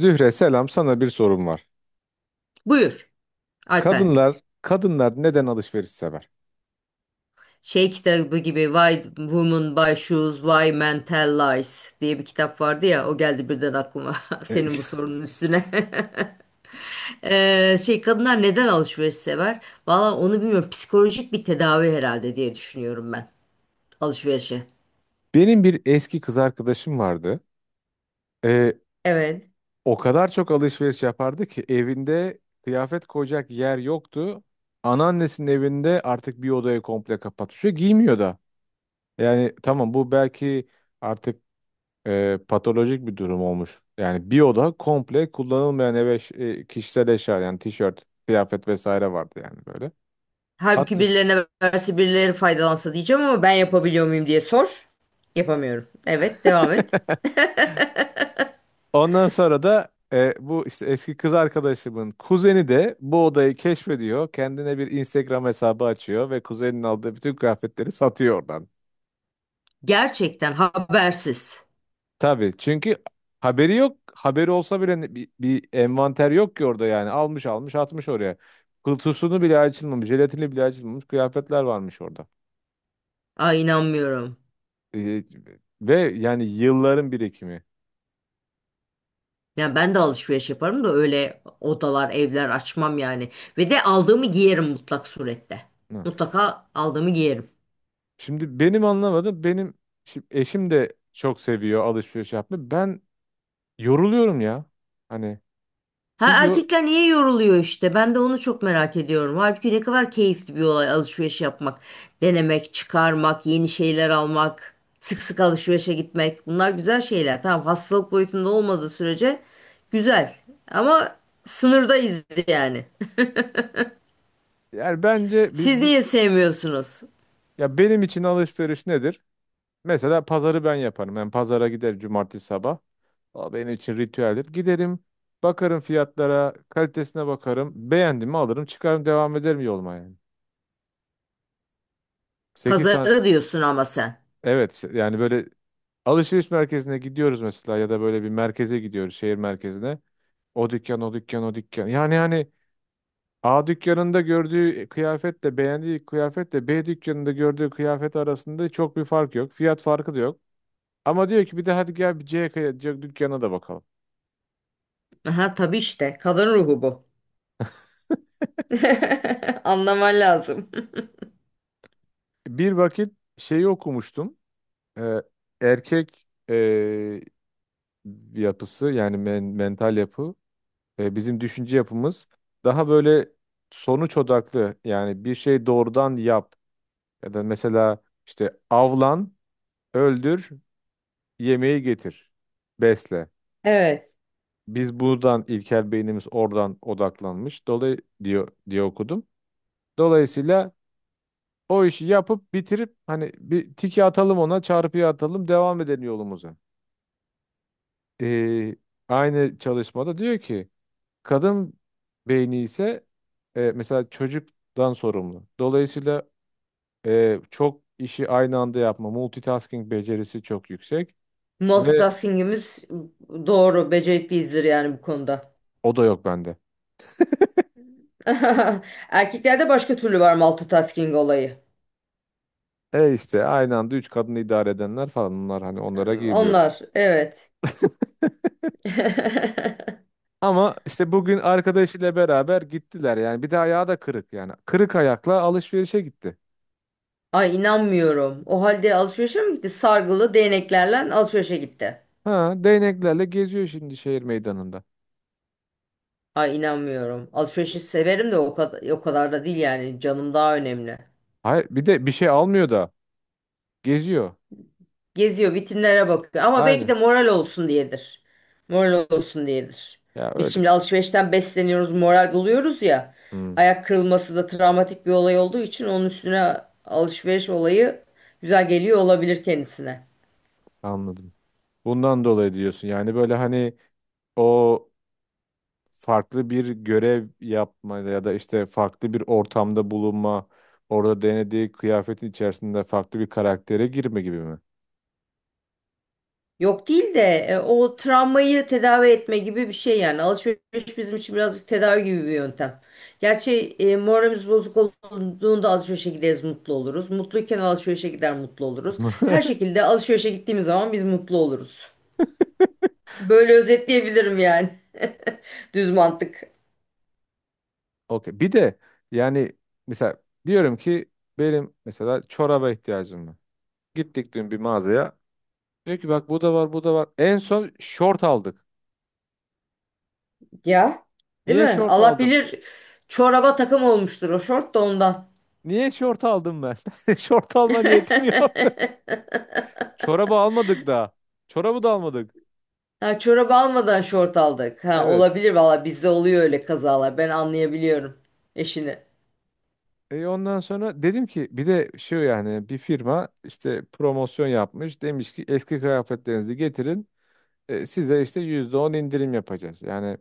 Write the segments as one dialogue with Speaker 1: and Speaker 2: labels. Speaker 1: Zühre selam sana bir sorum var.
Speaker 2: Buyur Alper.
Speaker 1: Kadınlar kadınlar neden alışveriş sever?
Speaker 2: Şey kitabı gibi Why Women Buy Shoes, Why Men Tell Lies diye bir kitap vardı ya o geldi birden aklıma
Speaker 1: E,
Speaker 2: senin bu sorunun üstüne. Şey kadınlar neden alışveriş sever? Valla onu bilmiyorum, psikolojik bir tedavi herhalde diye düşünüyorum ben alışverişe.
Speaker 1: Benim bir eski kız arkadaşım vardı. E,
Speaker 2: Evet.
Speaker 1: O kadar çok alışveriş yapardı ki evinde kıyafet koyacak yer yoktu. Anneannesinin evinde artık bir odayı komple kapatmış ve giymiyor da. Yani tamam, bu belki artık patolojik bir durum olmuş. Yani bir oda komple kullanılmayan, eve kişisel eşya, yani tişört, kıyafet vesaire vardı yani, böyle.
Speaker 2: Halbuki
Speaker 1: Hatta
Speaker 2: birilerine verse birileri faydalansa diyeceğim ama ben yapabiliyor muyum diye sor. Yapamıyorum. Evet, devam et.
Speaker 1: ondan sonra da bu işte, eski kız arkadaşımın kuzeni de bu odayı keşfediyor. Kendine bir Instagram hesabı açıyor ve kuzenin aldığı bütün kıyafetleri satıyor oradan.
Speaker 2: Gerçekten habersiz.
Speaker 1: Tabii, çünkü haberi yok. Haberi olsa bile bir envanter yok ki orada yani. Almış almış atmış oraya. Kutusunu bile açılmamış, jelatini bile açılmamış kıyafetler varmış orada.
Speaker 2: Ay inanmıyorum.
Speaker 1: E, Ve yani yılların birikimi.
Speaker 2: Yani ben de alışveriş yaparım da öyle odalar, evler açmam yani. Ve de aldığımı giyerim mutlak surette.
Speaker 1: Hı.
Speaker 2: Mutlaka aldığımı giyerim.
Speaker 1: Şimdi benim anlamadım. Benim şimdi eşim de çok seviyor alışveriş yapmayı. Ben yoruluyorum ya. Hani
Speaker 2: Ha,
Speaker 1: siz yor
Speaker 2: erkekler niye yoruluyor işte? Ben de onu çok merak ediyorum. Halbuki ne kadar keyifli bir olay alışveriş yapmak, denemek, çıkarmak, yeni şeyler almak, sık sık alışverişe gitmek. Bunlar güzel şeyler. Tamam, hastalık boyutunda olmadığı sürece güzel. Ama sınırdayız yani.
Speaker 1: yani bence
Speaker 2: Siz niye sevmiyorsunuz?
Speaker 1: ya, benim için alışveriş nedir? Mesela pazarı ben yaparım. Ben pazara giderim cumartesi sabah. O benim için ritüeldir. Giderim, bakarım fiyatlara, kalitesine bakarım. Beğendim mi alırım, çıkarım, devam ederim yoluma yani. 8 saat,
Speaker 2: Pazarı diyorsun ama sen.
Speaker 1: evet, yani böyle alışveriş merkezine gidiyoruz mesela, ya da böyle bir merkeze gidiyoruz, şehir merkezine. O dükkan, o dükkan, o dükkan. Yani hani A dükkanında gördüğü kıyafetle, beğendiği kıyafetle B dükkanında gördüğü kıyafet arasında çok bir fark yok. Fiyat farkı da yok. Ama diyor ki bir de hadi gel, bir C dükkanına da bakalım.
Speaker 2: Aha, tabii işte kadın ruhu bu. Anlaman lazım.
Speaker 1: Bir vakit şeyi okumuştum. Ee, Erkek yapısı, yani mental yapı, bizim düşünce yapımız daha böyle sonuç odaklı. Yani bir şey, doğrudan yap, ya da mesela işte avlan, öldür, yemeği getir, besle.
Speaker 2: Evet.
Speaker 1: Biz buradan, ilkel beynimiz oradan odaklanmış. Diyor diye okudum. Dolayısıyla o işi yapıp bitirip, hani bir tiki atalım ona, çarpıyı atalım, devam edelim yolumuza. Ee, Aynı çalışmada diyor ki kadın beyni ise, mesela çocuktan sorumlu. Dolayısıyla çok işi aynı anda yapma, multitasking becerisi çok yüksek ve
Speaker 2: Multitasking'imiz doğru, becerikliyizdir yani bu konuda.
Speaker 1: o da yok bende.
Speaker 2: Erkeklerde başka türlü var multitasking olayı.
Speaker 1: İşte aynı anda üç kadını idare edenler falan, bunlar hani, onlara girmiyorum.
Speaker 2: Onlar evet.
Speaker 1: Ama işte bugün arkadaşıyla beraber gittiler yani. Bir de ayağı da kırık yani. Kırık ayakla alışverişe gitti.
Speaker 2: Ay inanmıyorum. O halde alışverişe mi gitti? Sargılı değneklerle alışverişe gitti.
Speaker 1: Ha, değneklerle geziyor şimdi şehir meydanında.
Speaker 2: Ay inanmıyorum. Alışverişi severim de o kadar, o kadar da değil yani. Canım daha önemli.
Speaker 1: Hayır, bir de bir şey almıyor da geziyor.
Speaker 2: Geziyor, vitrinlere bakıyor. Ama belki de
Speaker 1: Aynen.
Speaker 2: moral olsun diyedir. Moral olsun diyedir.
Speaker 1: Ya,
Speaker 2: Biz
Speaker 1: öyle.
Speaker 2: şimdi alışverişten besleniyoruz, moral buluyoruz ya.
Speaker 1: Hmm,
Speaker 2: Ayak kırılması da travmatik bir olay olduğu için onun üstüne alışveriş olayı güzel geliyor olabilir kendisine.
Speaker 1: anladım. Bundan dolayı diyorsun. Yani böyle hani o farklı bir görev yapma, ya da işte farklı bir ortamda bulunma, orada denediği kıyafetin içerisinde farklı bir karaktere girme gibi mi?
Speaker 2: Yok değil de o travmayı tedavi etme gibi bir şey yani. Alışveriş bizim için birazcık tedavi gibi bir yöntem. Gerçi moralimiz bozuk olduğunda alışverişe gideriz mutlu oluruz. Mutluyken alışverişe gider mutlu oluruz. Her şekilde alışverişe gittiğimiz zaman biz mutlu oluruz. Böyle özetleyebilirim yani. Düz mantık.
Speaker 1: Okey. Bir de yani mesela diyorum ki benim mesela çoraba ihtiyacım var. Gittik dün bir mağazaya. Diyor ki bak bu da var, bu da var. En son şort aldık.
Speaker 2: Ya, değil
Speaker 1: Niye
Speaker 2: mi?
Speaker 1: şort
Speaker 2: Allah
Speaker 1: aldım?
Speaker 2: bilir çoraba takım olmuştur o şort da ondan.
Speaker 1: Niye şort aldım ben? Şort alma niyetim yok. Çorabı almadık daha. Çorabı da almadık.
Speaker 2: Ha, çorap almadan şort aldık. Ha,
Speaker 1: Evet.
Speaker 2: olabilir valla bizde oluyor öyle kazalar. Ben anlayabiliyorum eşini.
Speaker 1: E ondan sonra dedim ki bir de şu, yani bir firma işte promosyon yapmış. Demiş ki eski kıyafetlerinizi getirin. Size işte %10 indirim yapacağız. Yani,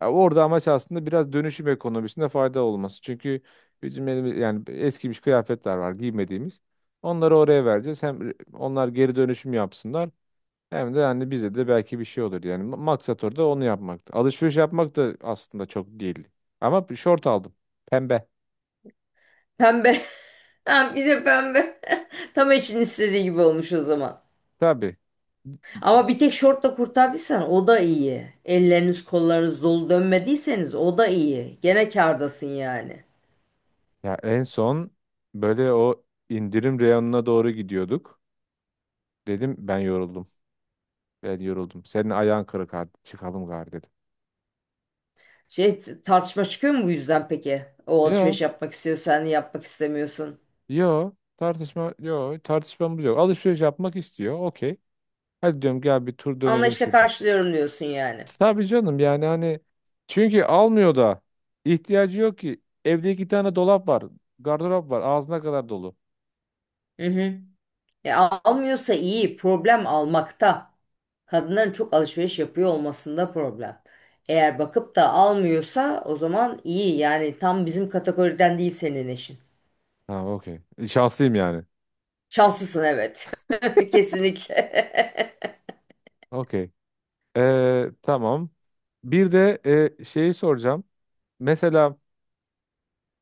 Speaker 1: ya, orada amaç aslında biraz dönüşüm ekonomisinde fayda olması. Çünkü bizim elimiz, yani eskimiş kıyafetler var giymediğimiz. Onları oraya vereceğiz. Hem onlar geri dönüşüm yapsınlar, hem de yani bize de belki bir şey olur. Yani maksat orada onu yapmaktı. Alışveriş yapmak da aslında çok değil. Ama bir şort aldım. Pembe.
Speaker 2: Pembe. Ha, bir de pembe. Tam eşinin istediği gibi olmuş o zaman.
Speaker 1: Tabii.
Speaker 2: Ama bir tek şortla kurtardıysan o da iyi. Elleriniz kollarınız dolu dönmediyseniz o da iyi. Gene kârdasın yani.
Speaker 1: Ya en son böyle o indirim reyonuna doğru gidiyorduk. Dedim ben yoruldum. Ben yoruldum. Senin ayağın kırık, hadi çıkalım gari dedim.
Speaker 2: Şey, tartışma çıkıyor mu bu yüzden peki? O
Speaker 1: Ya,
Speaker 2: alışveriş yapmak istiyor sen yapmak istemiyorsun.
Speaker 1: yo, tartışmamız yok. Alışveriş yapmak istiyor. Okey. Hadi diyorum, gel bir tur dönelim
Speaker 2: Anlayışla
Speaker 1: şurada.
Speaker 2: karşılıyorum diyorsun yani.
Speaker 1: Tabii canım, yani hani çünkü almıyor da, ihtiyacı yok ki. Evde iki tane dolap var. Gardırop var. Ağzına kadar dolu.
Speaker 2: Hı hı. Almıyorsa iyi, problem almakta. Kadınların çok alışveriş yapıyor olmasında problem. Eğer bakıp da almıyorsa o zaman iyi. Yani tam bizim kategoriden değil senin eşin.
Speaker 1: Ha, okey. Şanslıyım yani.
Speaker 2: Şanslısın, evet. Kesinlikle.
Speaker 1: Okey. Tamam. Bir de şeyi soracağım. Mesela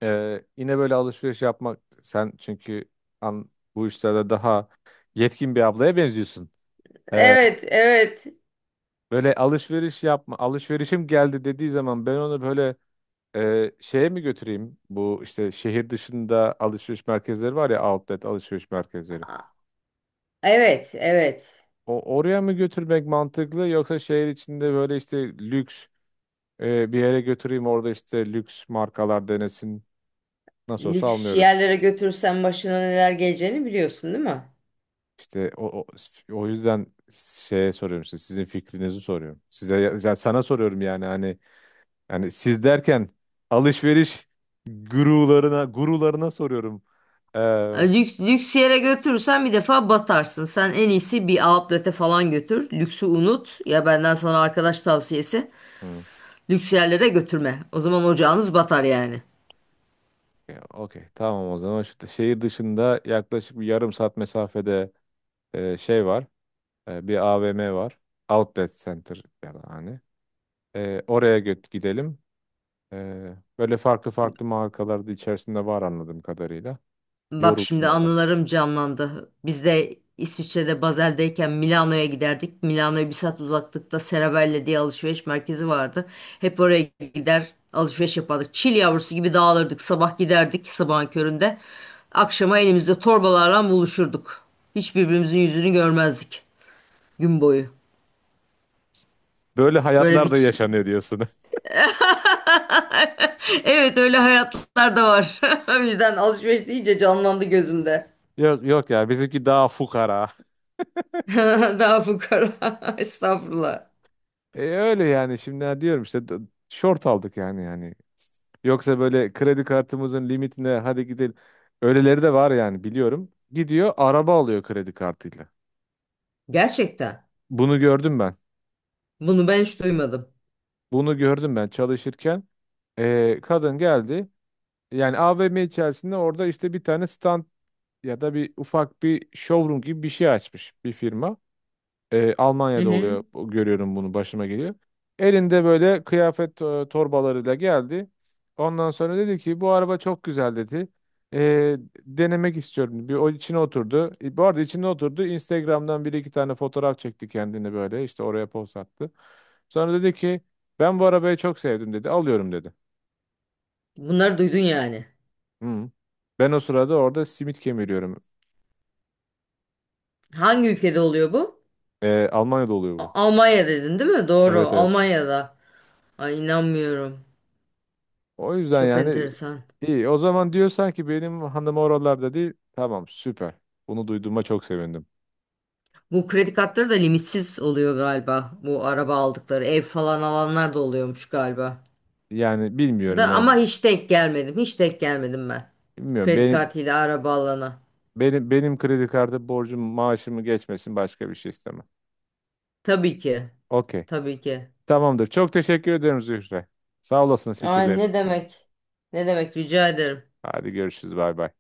Speaker 1: yine böyle alışveriş yapmak, sen çünkü an, bu işlerde daha yetkin bir ablaya benziyorsun. E,
Speaker 2: Evet, evet.
Speaker 1: Böyle alışveriş yapma, alışverişim geldi dediği zaman ben onu böyle şeye mi götüreyim? Bu işte şehir dışında alışveriş merkezleri var ya, outlet alışveriş merkezleri.
Speaker 2: Evet, evet.
Speaker 1: O oraya mı götürmek mantıklı, yoksa şehir içinde böyle işte lüks bir yere götüreyim, orada işte lüks markalar denesin? Nasıl olsa
Speaker 2: Lüks
Speaker 1: almıyoruz.
Speaker 2: yerlere götürürsen başına neler geleceğini biliyorsun değil mi?
Speaker 1: İşte o yüzden şeye soruyorum, işte sizin fikrinizi soruyorum. Size, sana soruyorum yani, hani yani siz derken alışveriş gurularına soruyorum. Ee,
Speaker 2: Lüks, lüks yere götürürsen bir defa batarsın. Sen en iyisi bir outlet'e falan götür. Lüksü unut. Ya benden sana arkadaş tavsiyesi.
Speaker 1: hı,
Speaker 2: Lüks yerlere götürme. O zaman ocağınız batar yani.
Speaker 1: ya, okey, tamam. O zaman şu şehir dışında yaklaşık bir yarım saat mesafede şey var. Bir AVM var. Outlet Center ya da hani. Oraya gidelim. E, Böyle farklı farklı markalar da içerisinde var anladığım kadarıyla.
Speaker 2: Bak
Speaker 1: Yorulsun
Speaker 2: şimdi
Speaker 1: orada.
Speaker 2: anılarım canlandı. Biz de İsviçre'de Basel'deyken Milano'ya giderdik. Milano'ya bir saat uzaklıkta Serravalle diye alışveriş merkezi vardı. Hep oraya gider alışveriş yapardık. Çil yavrusu gibi dağılırdık. Sabah giderdik sabahın köründe. Akşama elimizde torbalarla buluşurduk. Hiç birbirimizin yüzünü görmezdik gün boyu.
Speaker 1: Böyle
Speaker 2: Öyle
Speaker 1: hayatlar
Speaker 2: bir
Speaker 1: da
Speaker 2: ç-
Speaker 1: yaşanıyor diyorsun.
Speaker 2: Evet, öyle hayatlar da var. O yüzden alışveriş deyince canlandı gözümde.
Speaker 1: Yok yok ya, bizimki daha fukara.
Speaker 2: Daha fukara. Estağfurullah.
Speaker 1: Öyle yani, şimdi ha diyorum işte, short aldık yani. Yoksa böyle kredi kartımızın limitine hadi gidelim. Öyleleri de var yani, biliyorum. Gidiyor araba alıyor kredi kartıyla.
Speaker 2: Gerçekten.
Speaker 1: Bunu gördüm ben.
Speaker 2: Bunu ben hiç duymadım.
Speaker 1: Bunu gördüm ben çalışırken. Kadın geldi. Yani AVM içerisinde orada işte bir tane stand, ya da bir ufak bir showroom gibi bir şey açmış bir firma.
Speaker 2: Hı
Speaker 1: Almanya'da
Speaker 2: hı.
Speaker 1: oluyor. Görüyorum bunu, başıma geliyor. Elinde böyle kıyafet, torbalarıyla geldi. Ondan sonra dedi ki bu araba çok güzel, dedi. E, Denemek istiyorum. Bir o içine oturdu. Bu arada içine oturdu. Instagram'dan bir iki tane fotoğraf çekti kendini böyle. İşte oraya post attı. Sonra dedi ki ben bu arabayı çok sevdim, dedi. Alıyorum, dedi.
Speaker 2: Bunları duydun yani.
Speaker 1: Hı. Ben o sırada orada simit kemiriyorum.
Speaker 2: Hangi ülkede oluyor bu?
Speaker 1: Almanya'da oluyor bu.
Speaker 2: A- Almanya dedin değil mi? Doğru.
Speaker 1: Evet, evet.
Speaker 2: Almanya'da. Ay inanmıyorum.
Speaker 1: O yüzden
Speaker 2: Çok
Speaker 1: yani
Speaker 2: enteresan.
Speaker 1: iyi. O zaman diyorsan ki benim hanım oralarda değil. Tamam, süper. Bunu duyduğuma çok sevindim.
Speaker 2: Bu kredi kartları da limitsiz oluyor galiba. Bu araba aldıkları, ev falan alanlar da oluyormuş galiba.
Speaker 1: Yani
Speaker 2: Da
Speaker 1: bilmiyorum yani,
Speaker 2: ama hiç denk gelmedim. Hiç denk gelmedim ben.
Speaker 1: bilmiyorum.
Speaker 2: Kredi
Speaker 1: Benim
Speaker 2: kartıyla araba alana.
Speaker 1: benim benim kredi kartı borcum maaşımı geçmesin, başka bir şey istemem.
Speaker 2: Tabii ki.
Speaker 1: Okey.
Speaker 2: Tabii ki.
Speaker 1: Tamamdır. Çok teşekkür ediyorum Zühre. Sağ olasın
Speaker 2: Ay
Speaker 1: fikirlerin
Speaker 2: ne
Speaker 1: için.
Speaker 2: demek? Ne demek? Rica ederim.
Speaker 1: Hadi görüşürüz. Bay bay.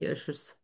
Speaker 2: Görüşürüz.